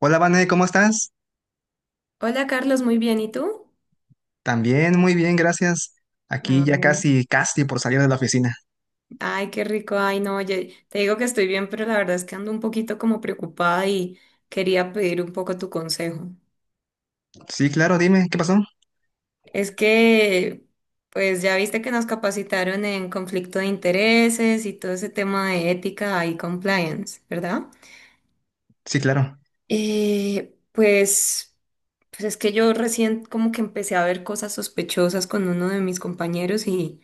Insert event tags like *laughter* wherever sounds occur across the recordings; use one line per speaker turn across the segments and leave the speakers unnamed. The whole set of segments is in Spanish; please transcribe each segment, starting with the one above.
Hola, Vane, ¿cómo estás?
Hola Carlos, muy bien, ¿y tú?
También muy bien, gracias. Aquí
Ah,
ya
bueno.
casi, casi por salir de la oficina.
Ay, qué rico, ay no, oye, te digo que estoy bien, pero la verdad es que ando un poquito como preocupada y quería pedir un poco tu consejo.
Sí, claro, dime, ¿qué pasó?
Es que, pues ya viste que nos capacitaron en conflicto de intereses y todo ese tema de ética y compliance, ¿verdad?
Sí, claro.
Eh, pues, pues es que yo recién como que empecé a ver cosas sospechosas con uno de mis compañeros y,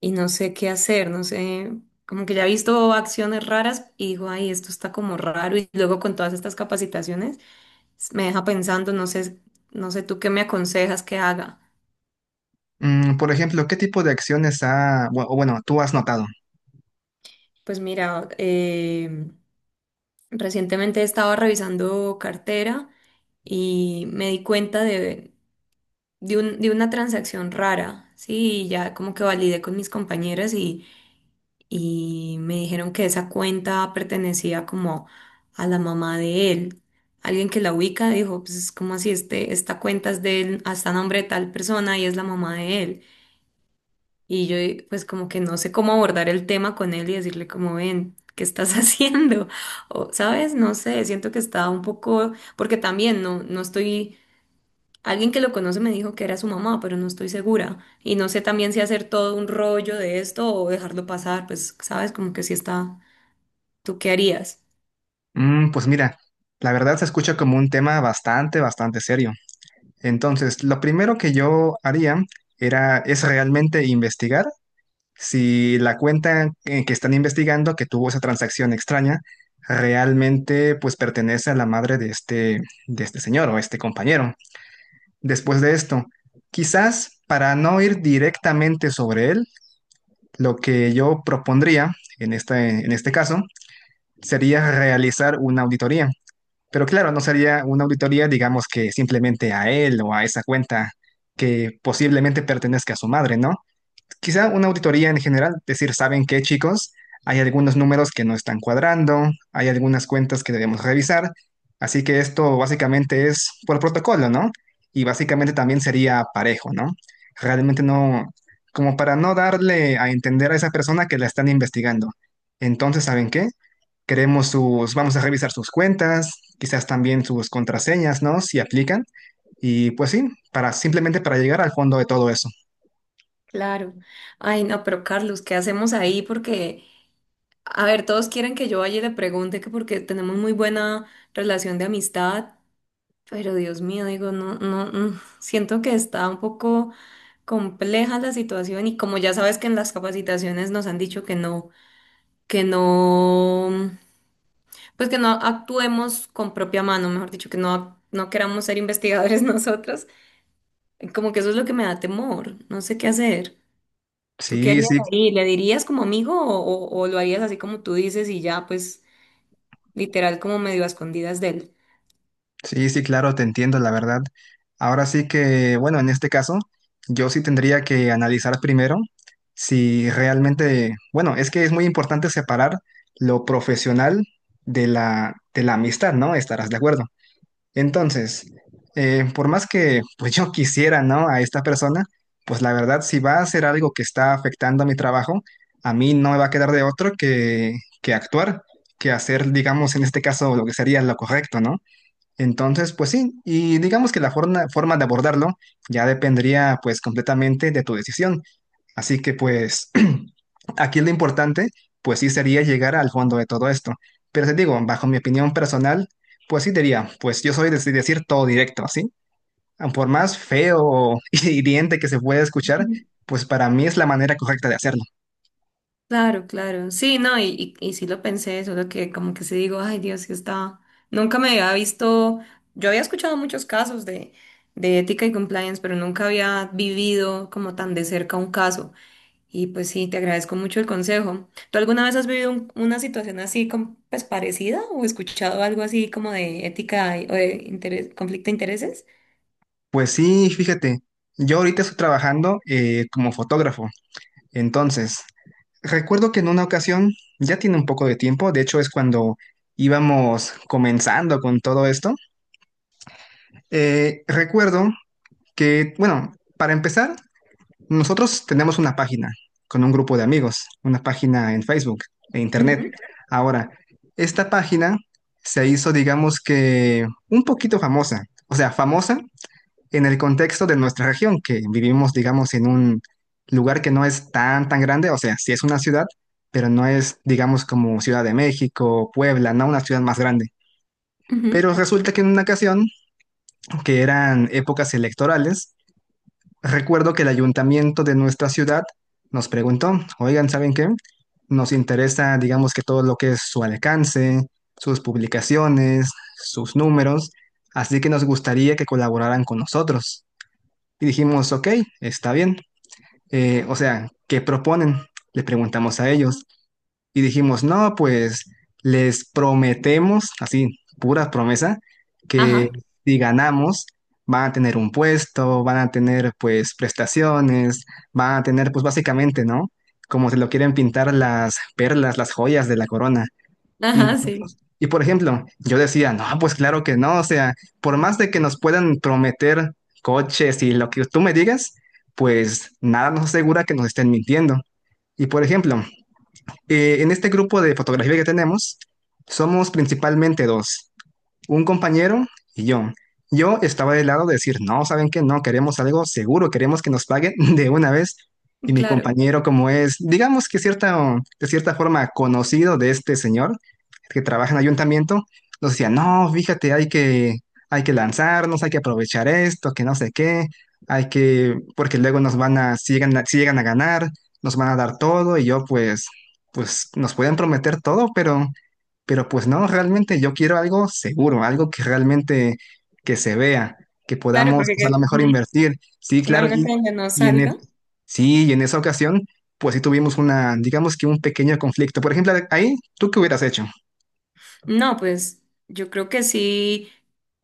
y no sé qué hacer, no sé, como que ya he visto acciones raras y digo, ay, esto está como raro y luego con todas estas capacitaciones me deja pensando, no sé, no sé tú qué me aconsejas que haga.
Mm, por ejemplo, ¿qué tipo de acciones ha, bu- o bueno, tú has notado?
Pues mira, recientemente estaba revisando cartera y me di cuenta de de una transacción rara, sí, y ya como que validé con mis compañeras y me dijeron que esa cuenta pertenecía como a la mamá de él. Alguien que la ubica dijo, pues es como así, este, esta cuenta es de él, hasta nombre de tal persona y es la mamá de él. Y yo pues como que no sé cómo abordar el tema con él y decirle como ven. ¿Qué estás *laughs* haciendo? O, ¿sabes? No sé, siento que estaba un poco, porque también no estoy. Alguien que lo conoce me dijo que era su mamá, pero no estoy segura. Y no sé también si hacer todo un rollo de esto o dejarlo pasar, pues, sabes, como que si está, ¿tú qué harías?
Mm, pues mira, la verdad se escucha como un tema bastante, bastante serio. Entonces, lo primero que yo haría es realmente investigar si la cuenta que están investigando que tuvo esa transacción extraña realmente pues pertenece a la madre de este señor o este compañero. Después de esto, quizás para no ir directamente sobre él, lo que yo propondría en este caso sería realizar una auditoría. Pero claro, no sería una auditoría, digamos que simplemente a él o a esa cuenta que posiblemente pertenezca a su madre, ¿no? Quizá una auditoría en general, decir, ¿saben qué, chicos? Hay algunos números que no están cuadrando, hay algunas cuentas que debemos revisar, así que esto básicamente es por protocolo, ¿no? Y básicamente también sería parejo, ¿no? Realmente no, como para no darle a entender a esa persona que la están investigando. Entonces, ¿saben qué? Queremos sus, vamos a revisar sus cuentas, quizás también sus contraseñas, ¿no? Si aplican. Y pues sí, para simplemente para llegar al fondo de todo eso.
Claro. Ay, no, pero Carlos, ¿qué hacemos ahí? Porque, a ver, todos quieren que yo vaya y le pregunte que porque tenemos muy buena relación de amistad, pero Dios mío, digo, no, no, siento que está un poco compleja la situación y como ya sabes que en las capacitaciones nos han dicho que no, que no. Pues que no actuemos con propia mano, mejor dicho, que no, no queramos ser investigadores *laughs* nosotros. Como que eso es lo que me da temor, no sé qué hacer. ¿Tú qué
Sí,
harías
sí.
ahí? ¿Le dirías como amigo o lo harías así como tú dices y ya, pues literal como medio a escondidas de él?
Sí, sí, claro, te entiendo, la verdad. Ahora sí que, bueno, en este caso, yo sí tendría que analizar primero si realmente, bueno, es que es muy importante separar lo profesional de la amistad, ¿no? Estarás de acuerdo. Entonces, por más que pues yo quisiera, ¿no? A esta persona, pues la verdad, si va a hacer algo que está afectando a mi trabajo, a mí no me va a quedar de otro que actuar, que hacer, digamos, en este caso, lo que sería lo correcto, ¿no? Entonces, pues sí, y digamos que la forma de abordarlo ya dependería pues completamente de tu decisión. Así que pues *clears throat* aquí lo importante pues sí sería llegar al fondo de todo esto. Pero te digo, bajo mi opinión personal, pues sí diría, pues yo soy de decir todo directo, ¿sí? Por más feo o *laughs* hiriente que se pueda escuchar,
Ujú.
pues para mí es la manera correcta de hacerlo.
Claro, claro. Sí, no, y sí lo pensé, solo que como que sí digo, ay Dios, que está. Nunca me había visto, yo había escuchado muchos casos de ética y compliance, pero nunca había vivido como tan de cerca un caso. Y pues sí, te agradezco mucho el consejo. ¿Tú alguna vez has vivido una situación así pues parecida o escuchado algo así como de ética o de conflicto de intereses?
Pues sí, fíjate, yo ahorita estoy trabajando como fotógrafo. Entonces, recuerdo que en una ocasión, ya tiene un poco de tiempo, de hecho es cuando íbamos comenzando con todo esto, recuerdo que, bueno, para empezar, nosotros tenemos una página con un grupo de amigos, una página en Facebook, de internet.
Ujú,
Ahora, esta página se hizo, digamos que, un poquito famosa, o sea, famosa en el contexto de nuestra región, que vivimos, digamos, en un lugar que no es tan, tan grande, o sea, sí es una ciudad, pero no es, digamos, como Ciudad de México, Puebla, no una ciudad más grande. Pero
ujú.
resulta que en una ocasión, que eran épocas electorales, recuerdo que el ayuntamiento de nuestra ciudad nos preguntó, oigan, ¿saben qué? Nos interesa, digamos, que todo lo que es su alcance, sus publicaciones, sus números, así que nos gustaría que colaboraran con nosotros. Y dijimos, ok, está bien. O sea, ¿qué proponen? Le preguntamos a ellos. Y dijimos, no, pues les prometemos, así, pura promesa, que
Ajá,
si ganamos, van a tener un puesto, van a tener pues prestaciones, van a tener pues básicamente, ¿no? Como se lo quieren pintar las perlas, las joyas de la corona. Y
ajá, sí,
nosotros, y por ejemplo, yo decía, no, pues claro que no, o sea, por más de que nos puedan prometer coches y lo que tú me digas, pues nada nos asegura que nos estén mintiendo. Y por ejemplo, en este grupo de fotografía que tenemos, somos principalmente dos un compañero y yo. Yo estaba del lado de decir, no, ¿saben qué? No, queremos algo seguro, queremos que nos paguen *laughs* de una vez. Y mi
claro,
compañero, como es, digamos que de cierta forma conocido de este señor que trabaja en ayuntamiento, nos decía, no, fíjate, hay que lanzarnos, hay que aprovechar esto, que no sé qué, hay que, porque luego nos van a, si llegan, si llegan a ganar, nos van a dar todo y yo pues, pues nos pueden prometer todo, pero... Pero pues no, realmente yo quiero algo seguro, algo que realmente que se vea, que
claro,
podamos,
porque
o sea, a lo mejor invertir. Sí, claro,
imagínate donde no
y en, e-
salga.
sí, y en esa ocasión, pues sí tuvimos una, digamos que un pequeño conflicto. Por ejemplo, ahí, ¿tú qué hubieras hecho?
No, pues yo creo que sí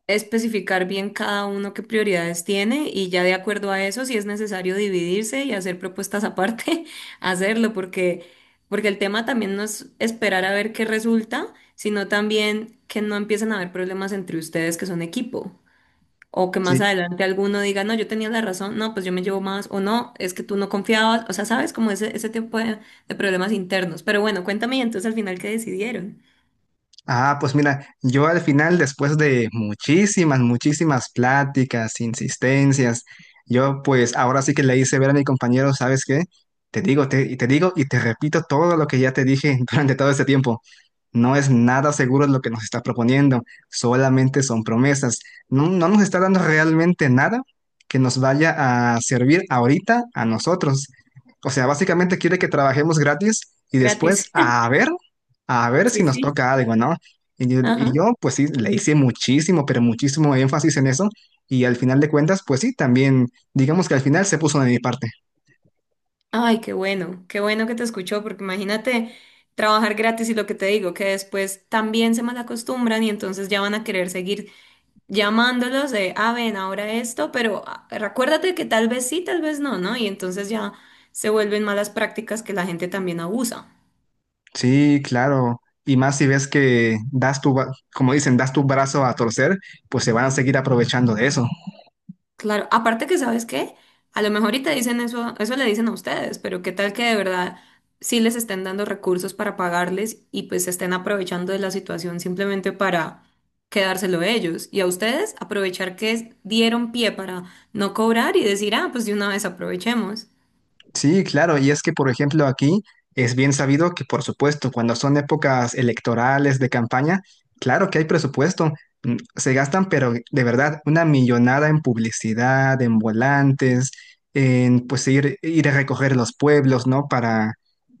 especificar bien cada uno qué prioridades tiene y ya de acuerdo a eso, si es necesario dividirse y hacer propuestas aparte, *laughs* hacerlo, porque, porque el tema también no es esperar a ver qué resulta, sino también que no empiecen a haber problemas entre ustedes que son equipo. O que más
Sí.
adelante alguno diga, no, yo tenía la razón, no, pues yo me llevo más, o no, es que tú no confiabas, o sea, sabes, como ese tipo de problemas internos. Pero bueno, cuéntame y entonces al final qué decidieron.
Ah, pues mira, yo al final, después de muchísimas, muchísimas pláticas, insistencias, yo pues ahora sí que le hice ver a mi compañero, ¿sabes qué? Y te digo y te repito todo lo que ya te dije *laughs* durante todo este tiempo. No es nada seguro lo que nos está proponiendo, solamente son promesas. No, no nos está dando realmente nada que nos vaya a servir ahorita a nosotros. O sea, básicamente quiere que trabajemos gratis y
Gratis.
después
*laughs*
a ver, si
Sí,
nos
sí.
toca algo, ¿no? Y
Ajá.
yo, pues sí, le hice muchísimo, pero muchísimo énfasis en eso y al final de cuentas, pues sí, también, digamos que al final se puso de mi parte.
Ay, qué bueno que te escuchó, porque imagínate trabajar gratis y lo que te digo, que después también se malacostumbran y entonces ya van a querer seguir llamándolos de, ah, ven, ahora esto, pero ah, recuérdate que tal vez sí, tal vez no, ¿no? Y entonces ya se vuelven malas prácticas que la gente también abusa.
Sí, claro. Y más si ves que das tu, como dicen, das tu brazo a torcer, pues se van a seguir aprovechando de eso.
Claro, aparte que sabes qué, a lo mejor y te dicen eso, eso le dicen a ustedes, pero qué tal que de verdad sí les estén dando recursos para pagarles y pues se estén aprovechando de la situación simplemente para quedárselo ellos y a ustedes aprovechar que dieron pie para no cobrar y decir, ah, pues de una vez aprovechemos.
Sí, claro, y es que, por ejemplo, aquí es bien sabido que, por supuesto, cuando son épocas electorales de campaña, claro que hay presupuesto, se gastan, pero de verdad, una millonada en publicidad, en volantes, en pues ir a recoger los pueblos, ¿no?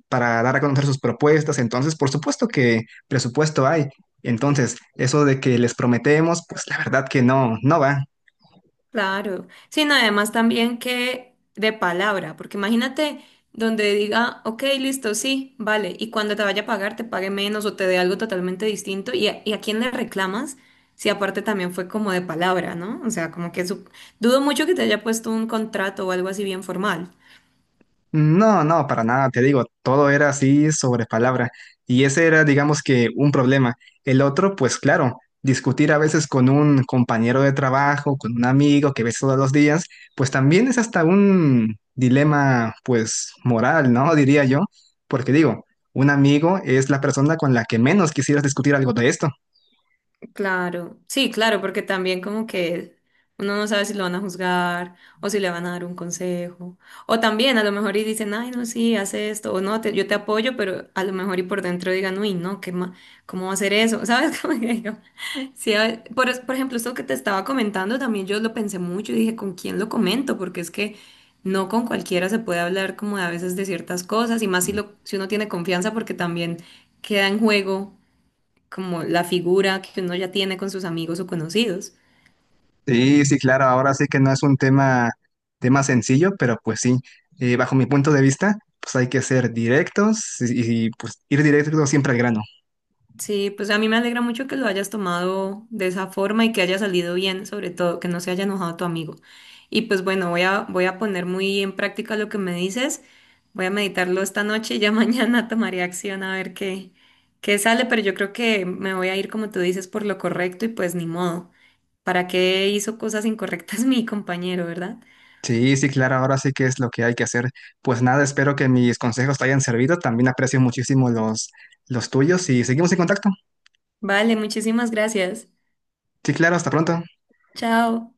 Para dar a conocer sus propuestas, entonces, por supuesto que presupuesto hay, entonces, eso de que les prometemos, pues la verdad que no, no va.
Claro, sino además también que de palabra, porque imagínate donde diga, ok, listo, sí, vale, y cuando te vaya a pagar te pague menos o te dé algo totalmente distinto, y a quién le reclamas si aparte también fue como de palabra, ¿no? O sea, como que dudo mucho que te haya puesto un contrato o algo así bien formal.
No, no, para nada, te digo, todo era así sobre palabra. Y ese era, digamos que, un problema. El otro, pues claro, discutir a veces con un compañero de trabajo, con un amigo que ves todos los días, pues también es hasta un dilema, pues, moral, ¿no? Diría yo, porque digo, un amigo es la persona con la que menos quisieras discutir algo de esto.
Claro, sí, claro, porque también como que uno no sabe si lo van a juzgar o si le van a dar un consejo. O también a lo mejor y dicen, ay, no, sí, haz esto, o no, yo te apoyo, pero a lo mejor y por dentro digan, uy, no, ¿cómo va a hacer eso? *laughs* ¿Sabes? Como que yo, sí, por ejemplo, esto que te estaba comentando, también yo lo pensé mucho y dije, ¿con quién lo comento? Porque es que no con cualquiera se puede hablar como a veces de ciertas cosas y más si, lo, si uno tiene confianza porque también queda en juego como la figura que uno ya tiene con sus amigos o conocidos.
Sí, sí, claro, ahora sí que no es un tema sencillo, pero pues sí, bajo mi punto de vista, pues hay que ser directos y, pues ir directo siempre al grano.
Sí, pues a mí me alegra mucho que lo hayas tomado de esa forma y que haya salido bien, sobre todo que no se haya enojado tu amigo. Y pues bueno, voy a poner muy en práctica lo que me dices, voy a meditarlo esta noche y ya *laughs* mañana tomaré acción a ver qué, qué sale, pero yo creo que me voy a ir, como tú dices, por lo correcto y pues ni modo. ¿Para qué hizo cosas incorrectas *laughs* mi compañero, verdad?
Sí, sí, claro, ahora sí que es lo que hay que hacer. Pues nada, espero que mis consejos te hayan servido, también aprecio muchísimo los tuyos y seguimos en contacto.
Vale, muchísimas gracias.
Sí, claro, hasta pronto.
Chao.